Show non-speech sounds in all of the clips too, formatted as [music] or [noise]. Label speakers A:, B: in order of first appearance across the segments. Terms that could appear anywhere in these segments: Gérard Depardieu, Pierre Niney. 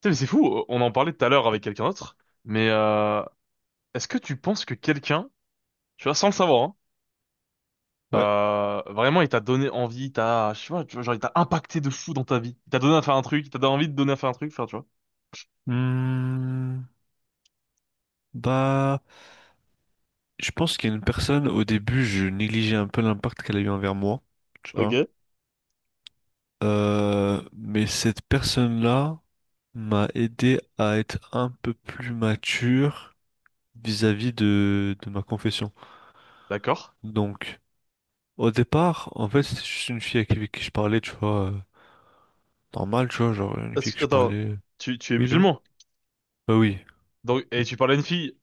A: Putain, mais c'est fou, on en parlait tout à l'heure avec quelqu'un d'autre, mais euh, est-ce que tu penses que quelqu'un, tu vois, sans le savoir, hein,
B: Ouais.
A: vraiment il t'a donné envie, je sais pas, tu vois, genre il t'a impacté de fou dans ta vie, il t'a donné à faire un truc, il t'a donné envie de donner à faire un truc, enfin, tu vois.
B: Hmm, Bah, je pense qu'il y a une personne, au début, je négligeais un peu l'impact qu'elle a eu envers moi, tu vois.
A: Ok.
B: Mais cette personne-là m'a aidé à être un peu plus mature vis-à-vis de ma confession.
A: D'accord.
B: Donc, au départ, en fait, c'était juste une fille avec qui je parlais, tu vois, normal, tu vois, genre une fille que je
A: Attends,
B: parlais.
A: tu es
B: Oui, non?
A: musulman,
B: Bah oui.
A: donc et tu parles à une fille.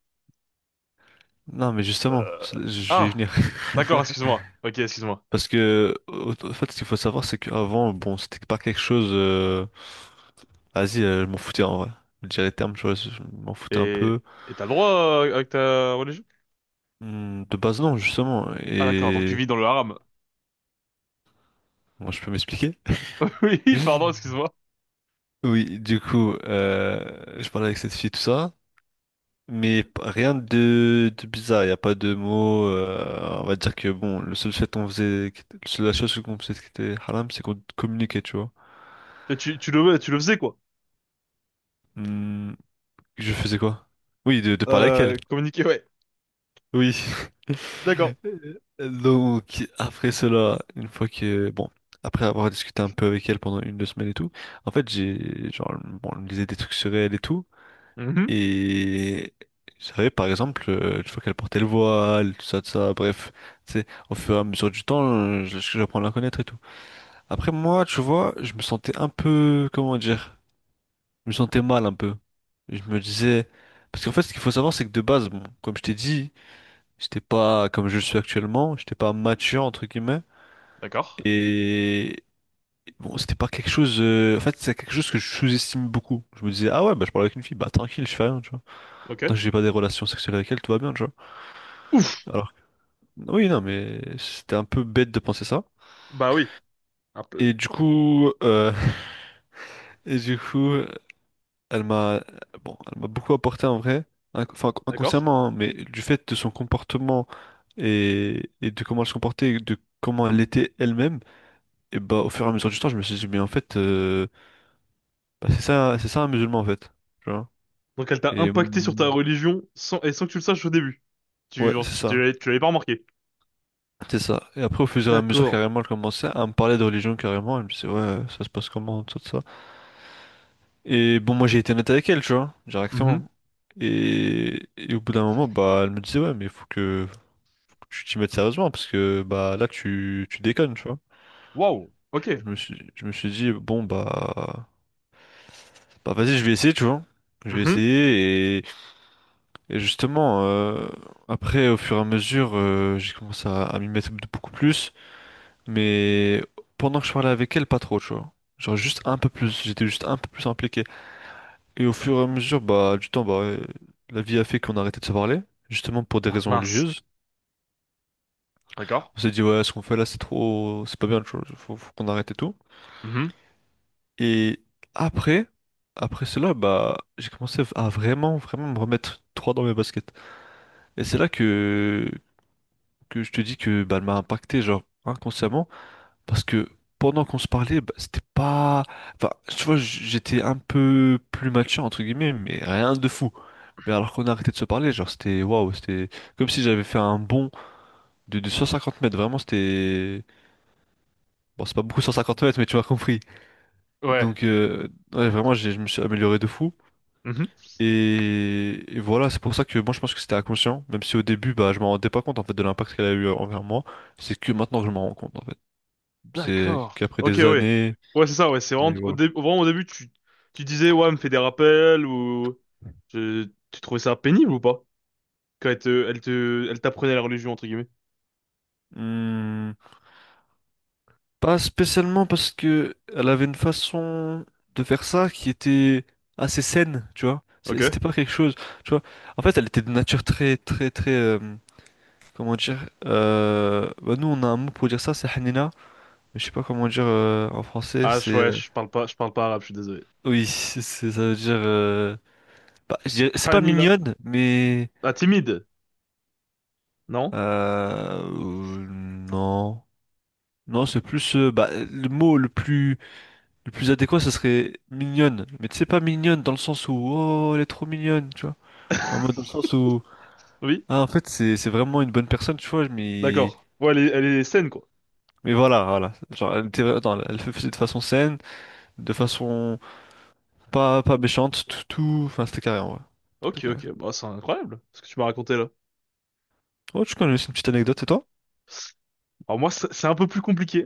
B: Non, mais justement,
A: euh,
B: je vais y
A: ah,
B: venir.
A: d'accord,
B: [laughs]
A: excuse-moi. Ok, excuse-moi.
B: Parce que, en fait, ce qu'il faut savoir, c'est qu'avant, bon, c'était pas quelque chose. Vas-y, je m'en foutais en vrai. Je dirais les termes, tu vois, je m'en foutais un
A: Et
B: peu.
A: et t'as le droit avec ta religion?
B: De base, non, justement.
A: Ah d'accord, donc tu
B: Et.
A: vis dans le haram.
B: Moi, je peux m'expliquer?
A: [laughs] Oui, pardon,
B: [laughs]
A: excuse-moi.
B: Oui, du coup, je parlais avec cette fille, tout ça. Mais rien de bizarre, il n'y a pas de mots. On va dire que, bon, le seul fait qu'on faisait, la seule chose qu'on faisait qui était haram, c'est qu'on communiquait, tu vois.
A: Et tu le tu le faisais quoi?
B: Hmm, je faisais quoi? Oui, de parler avec elle.
A: Communiquer, ouais.
B: Oui.
A: D'accord.
B: [laughs] Donc, après cela, une fois que, bon, après avoir discuté un peu avec elle pendant une, deux semaines et tout, en fait, j'ai, genre, bon, on lisait des trucs sur elle et tout,
A: Mhm.
B: et je savais, par exemple, une fois qu'elle portait le voile, tout ça, bref, tu sais, au fur et à mesure du temps, j'apprends à la connaître et tout. Après, moi, tu vois, je me sentais un peu, comment dire, je me sentais mal un peu. Je me disais, parce qu'en fait, ce qu'il faut savoir, c'est que de base, bon, comme je t'ai dit, j'étais pas comme je le suis actuellement, j'étais pas mature entre guillemets.
A: D'accord.
B: Et bon, c'était pas quelque chose. En fait, c'est quelque chose que je sous-estime beaucoup. Je me disais, ah ouais, bah je parle avec une fille, bah tranquille, je fais rien, tu vois. Tant
A: Ok.
B: que j'ai pas des relations sexuelles avec elle, tout va bien, tu vois.
A: Ouf.
B: Alors, oui, non, mais c'était un peu bête de penser ça.
A: Bah oui. Un peu.
B: Et du coup, [laughs] et du coup, elle m'a, bon, elle m'a beaucoup apporté en vrai, enfin
A: D'accord.
B: inconsciemment, hein, mais du fait de son comportement et de comment elle se comportait, et de comment elle était elle-même. Et bah, au fur et à mesure du temps, je me suis dit, mais en fait, bah, c'est ça un musulman, en fait. Tu vois?
A: Donc elle t'a
B: Et
A: impacté sur ta
B: mm,
A: religion sans, et sans que tu le saches au début.
B: ouais, c'est
A: Tu
B: ça.
A: l'avais pas remarqué.
B: C'est ça. Et après, au fur et à mesure,
A: D'accord.
B: carrément, elle commençait à me parler de religion, carrément. Elle me disait, ouais, ça se passe comment, tout ça. Et bon, moi, j'ai été net avec elle, tu vois,
A: Mhm.
B: directement. Et au bout d'un moment, bah, elle me disait, ouais, mais faut que tu t'y mettes sérieusement, parce que, bah, là, tu déconnes, tu vois.
A: Waouh. Ok.
B: Je me suis dit, bon, bah, vas-y, je vais essayer, tu vois. Je vais
A: Mhm.
B: essayer. Et justement, après, au fur et à mesure, j'ai commencé à m'y mettre beaucoup plus, mais pendant que je parlais avec elle, pas trop, tu vois. Genre juste un peu plus, j'étais juste un peu plus impliqué. Et au fur et à mesure, bah, du temps, bah, la vie a fait qu'on a arrêté de se parler, justement pour des
A: Ah
B: raisons
A: mince.
B: religieuses.
A: D'accord.
B: On s'est dit, ouais, ce qu'on fait là, c'est trop, c'est pas bien, tu vois, faut qu'on arrête et tout.
A: Mhm.
B: Et après, après cela, bah, j'ai commencé à vraiment, vraiment me remettre trois dans mes baskets. Et c'est là que je te dis que bah, elle m'a impacté, genre, inconsciemment, parce que pendant qu'on se parlait, bah, c'était pas. Enfin, tu vois, j'étais un peu plus mature, entre guillemets, mais rien de fou. Mais alors qu'on a arrêté de se parler, genre, c'était. Waouh, c'était comme si j'avais fait un bond de 150 mètres, vraiment, c'était. Bon, c'est pas beaucoup 150 mètres, mais tu m'as compris.
A: Ouais.
B: Donc, ouais, vraiment, je me suis amélioré de fou.
A: Mhm.
B: Et voilà, c'est pour ça que moi je pense que c'était inconscient, même si au début bah, je m'en rendais pas compte en fait de l'impact qu'elle a eu envers moi, c'est que maintenant que je m'en rends compte en fait. C'est
A: D'accord.
B: qu'après
A: Ok,
B: des
A: ouais.
B: années,
A: Ouais, c'est ça, ouais. C'est vraiment
B: et
A: au,
B: voilà.
A: dé- vraiment au début, tu disais, ouais, elle me fait des rappels ou. Tu trouvais ça pénible ou pas? Quand elle t'apprenait la religion, entre guillemets.
B: Hmm, Pas spécialement parce que elle avait une façon de faire ça qui était assez saine, tu vois. C'était
A: Ok.
B: pas quelque chose, tu vois. En fait, elle était de nature très, très, très, comment dire. Bah nous, on a un mot pour dire ça, c'est Hanina. Mais je sais pas comment dire en français.
A: Ah,
B: C'est,
A: ouais, je parle pas arabe, je suis désolé.
B: oui, ça veut dire. Bah, c'est pas
A: Hanina.
B: mignonne, mais
A: Ah, timide, non?
B: euh, euh, non, non, c'est plus bah, le plus adéquat, ce serait mignonne. Mais tu sais, pas mignonne dans le sens où, oh, elle est trop mignonne, tu vois. En mode dans le sens où,
A: Oui?
B: ah, en fait, c'est vraiment une bonne personne, tu vois, mais,
A: D'accord. Ouais, elle est saine, quoi.
B: voilà, voilà. Genre, elle était, attends, elle le faisait de façon saine, de façon pas méchante, tout, enfin, c'était carré, en vrai. C'était
A: Ok,
B: carré.
A: ok. Bah, c'est incroyable, ce que tu m'as raconté là.
B: Oh, tu connais une petite anecdote, et toi?
A: Alors moi, c'est un peu plus compliqué.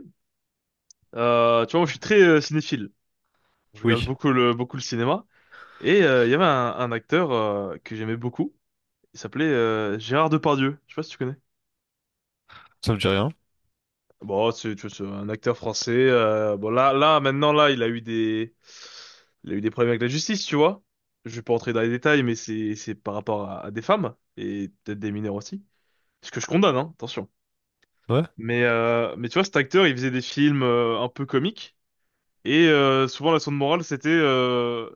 A: Tu vois, moi, je suis très cinéphile. Je regarde
B: Oui.
A: beaucoup beaucoup le cinéma. Et il y avait un acteur que j'aimais beaucoup. Il s'appelait Gérard Depardieu. Je sais pas si tu connais.
B: Ça me dit rien.
A: Bon, c'est un acteur français. Bon, maintenant, là, il a eu il a eu des problèmes avec la justice, tu vois. Je vais pas entrer dans les détails, mais c'est par rapport à des femmes et peut-être des mineurs aussi. Ce que je condamne, hein, attention.
B: Ouais.
A: Mais tu vois, cet acteur, il faisait des films un peu comiques et souvent la leçon de morale, c'était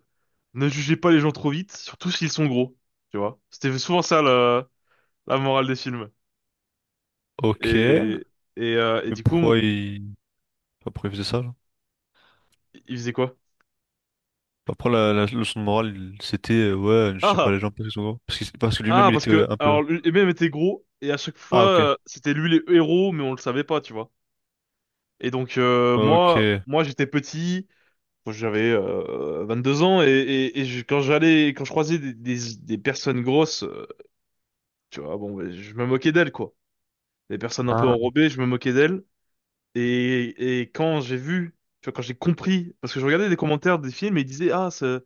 A: ne jugez pas les gens trop vite, surtout s'ils sont gros, tu vois. C'était souvent ça la morale des films.
B: Ok.
A: Et
B: Mais
A: et du coup,
B: pourquoi il, pourquoi il faisait ça, genre.
A: il faisait quoi?
B: Après, la leçon de morale, c'était, ouais, je sais pas,
A: Ah!
B: les gens, parce qu'ils sont gros. Parce que
A: Ah,
B: lui-même, il
A: parce
B: était
A: que,
B: un peu,
A: alors, et même était gros, et à chaque fois,
B: ah, ok.
A: c'était lui les héros, mais on le savait pas, tu vois. Et donc,
B: Ok.
A: moi, j'étais petit, moi, j'avais 22 ans, et quand j'allais, quand je croisais des personnes grosses, tu vois, bon, ben, je me moquais d'elles, quoi. Des personnes un peu
B: Ah,
A: enrobées, je me moquais d'elles. Et quand j'ai vu, tu vois, quand j'ai compris, parce que je regardais des commentaires des films et ils disaient, ah,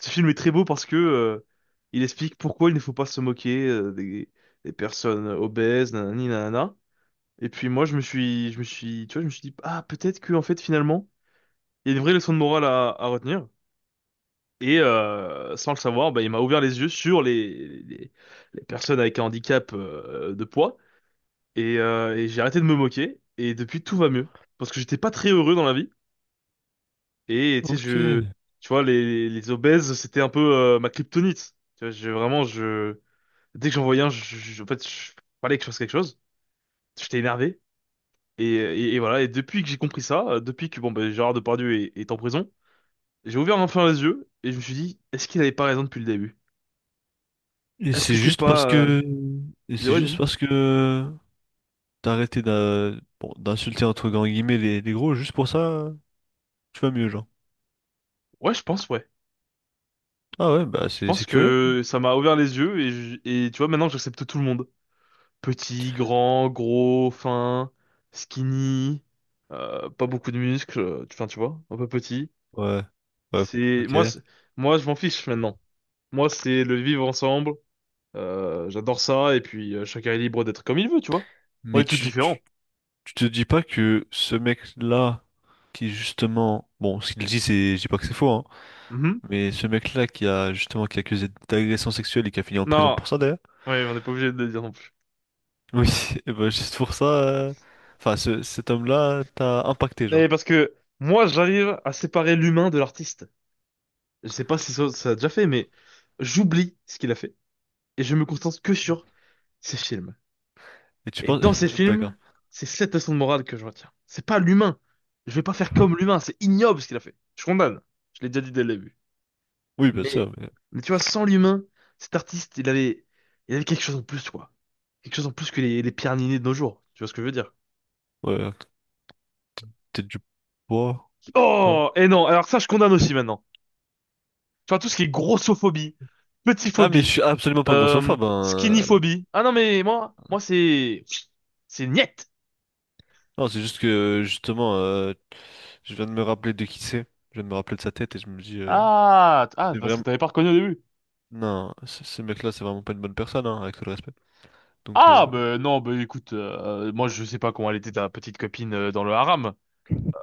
A: ce film est très beau parce que il explique pourquoi il ne faut pas se moquer des personnes obèses, nanani, nanana. Et puis moi, tu vois, je me suis dit, ah, peut-être que en fait, finalement, il y a une vraie leçon de morale à retenir. Et sans le savoir, bah, il m'a ouvert les yeux sur les personnes avec un handicap de poids. Et j'ai arrêté de me moquer. Et depuis, tout va mieux. Parce que j'étais pas très heureux dans la vie. Et tu sais,
B: ok.
A: tu vois, les obèses, c'était un peu ma kryptonite. Tu vois, dès que j'en voyais un, je fallait que je fasse quelque chose. J'étais énervé. Et voilà. Et depuis que j'ai compris ça, depuis que bon, ben, Gérard Depardieu est en prison, j'ai ouvert enfin les yeux et je me suis dit, est-ce qu'il avait pas raison depuis le début? Est-ce
B: C'est
A: que c'est
B: juste parce
A: pas,
B: que... Et c'est
A: moi
B: juste
A: dis-moi.
B: parce que. T'as arrêté bon, d'insulter entre grands guillemets les gros, juste pour ça, tu vas mieux, genre.
A: Ouais.
B: Ah ouais, bah
A: Je
B: c'est
A: pense
B: c'est curieux.
A: que ça m'a ouvert les yeux et et tu vois, maintenant, j'accepte tout le monde. Petit, grand, gros, fin, skinny, pas beaucoup de muscles, enfin tu vois, un peu petit.
B: Ouais. Ouais,
A: C'est
B: ok.
A: moi, c'est- moi je m'en fiche maintenant. Moi c'est le vivre ensemble. J'adore ça et puis chacun est libre d'être comme il veut, tu vois. On
B: Mais
A: est tous différents.
B: tu te dis pas que ce mec-là, qui justement. Bon, ce qu'il dit, c'est. Je dis pas que c'est faux, hein.
A: Mhm.
B: Mais ce mec-là qui a justement qui est accusé d'agression sexuelle et qui a fini en prison
A: Non,
B: pour ça, d'ailleurs.
A: ouais, on n'est pas obligé de le dire non plus.
B: Oui, [laughs] et ben juste pour ça, enfin cet homme-là t'a impacté genre.
A: Et parce que moi j'arrive à séparer l'humain de l'artiste. Je sais pas si ça, ça a déjà fait, mais j'oublie ce qu'il a fait et je me concentre que sur ses films.
B: Et tu
A: Et
B: penses,
A: dans ces
B: [laughs] d'accord.
A: films, c'est cette leçon de morale que je retiens. C'est pas l'humain. Je vais pas faire comme l'humain. C'est ignoble ce qu'il a fait. Je condamne. Je l'ai déjà dit dès le début.
B: Oui, bien
A: Mais,
B: sûr, mais
A: mais tu vois, sans l'humain, cet artiste, il avait quelque chose en plus, quoi. Quelque chose en plus que les Pierre Niney de nos jours. Tu vois ce que je veux dire?
B: ouais, peut-être du poids. Non.
A: Oh! Et non. Alors ça, je condamne aussi maintenant. Tu vois, tout ce qui est grossophobie,
B: Ah mais je
A: petitphobie,
B: suis absolument pas grossophobe, hein.
A: skinnyphobie. Ah non, c'est niette.
B: Non, c'est juste que justement, je viens de me rappeler de qui c'est. Je viens de me rappeler de sa tête et je me dis,
A: Ah,
B: c'est
A: parce que
B: vraiment,
A: t'avais pas reconnu au début.
B: non, ce mec-là, c'est vraiment pas une bonne personne, hein, avec tout le respect. Donc
A: Ah, ben non, ben écoute, moi je sais pas comment elle était ta petite copine dans le haram,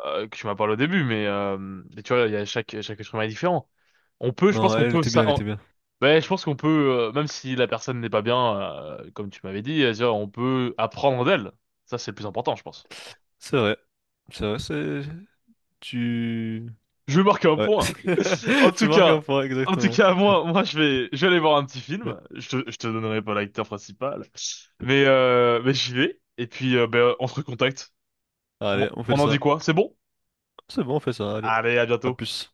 A: que tu m'as parlé au début, mais tu vois, il y a chaque être humain est différent. On peut, je pense
B: non,
A: qu'on
B: elle
A: peut
B: était bien,
A: ça.
B: elle
A: On-
B: était bien.
A: Ouais, je pense qu'on peut, même si la personne n'est pas bien, comme tu m'avais dit, tu vois, on peut apprendre d'elle. Ça, c'est le plus important, je pense.
B: C'est vrai, c'est vrai, tu,
A: Je vais marquer un
B: ouais,
A: point. En
B: [laughs] tu
A: tout
B: marques un
A: cas,
B: point
A: en tout
B: exactement.
A: cas, je vais aller voir un petit film. Je te donnerai pas l'acteur principal, mais j'y vais. Et puis, ben, on se recontacte.
B: Allez, on fait
A: On en
B: ça.
A: dit quoi? C'est bon?
B: C'est bon, on fait ça. Allez,
A: Allez, à
B: à
A: bientôt.
B: plus.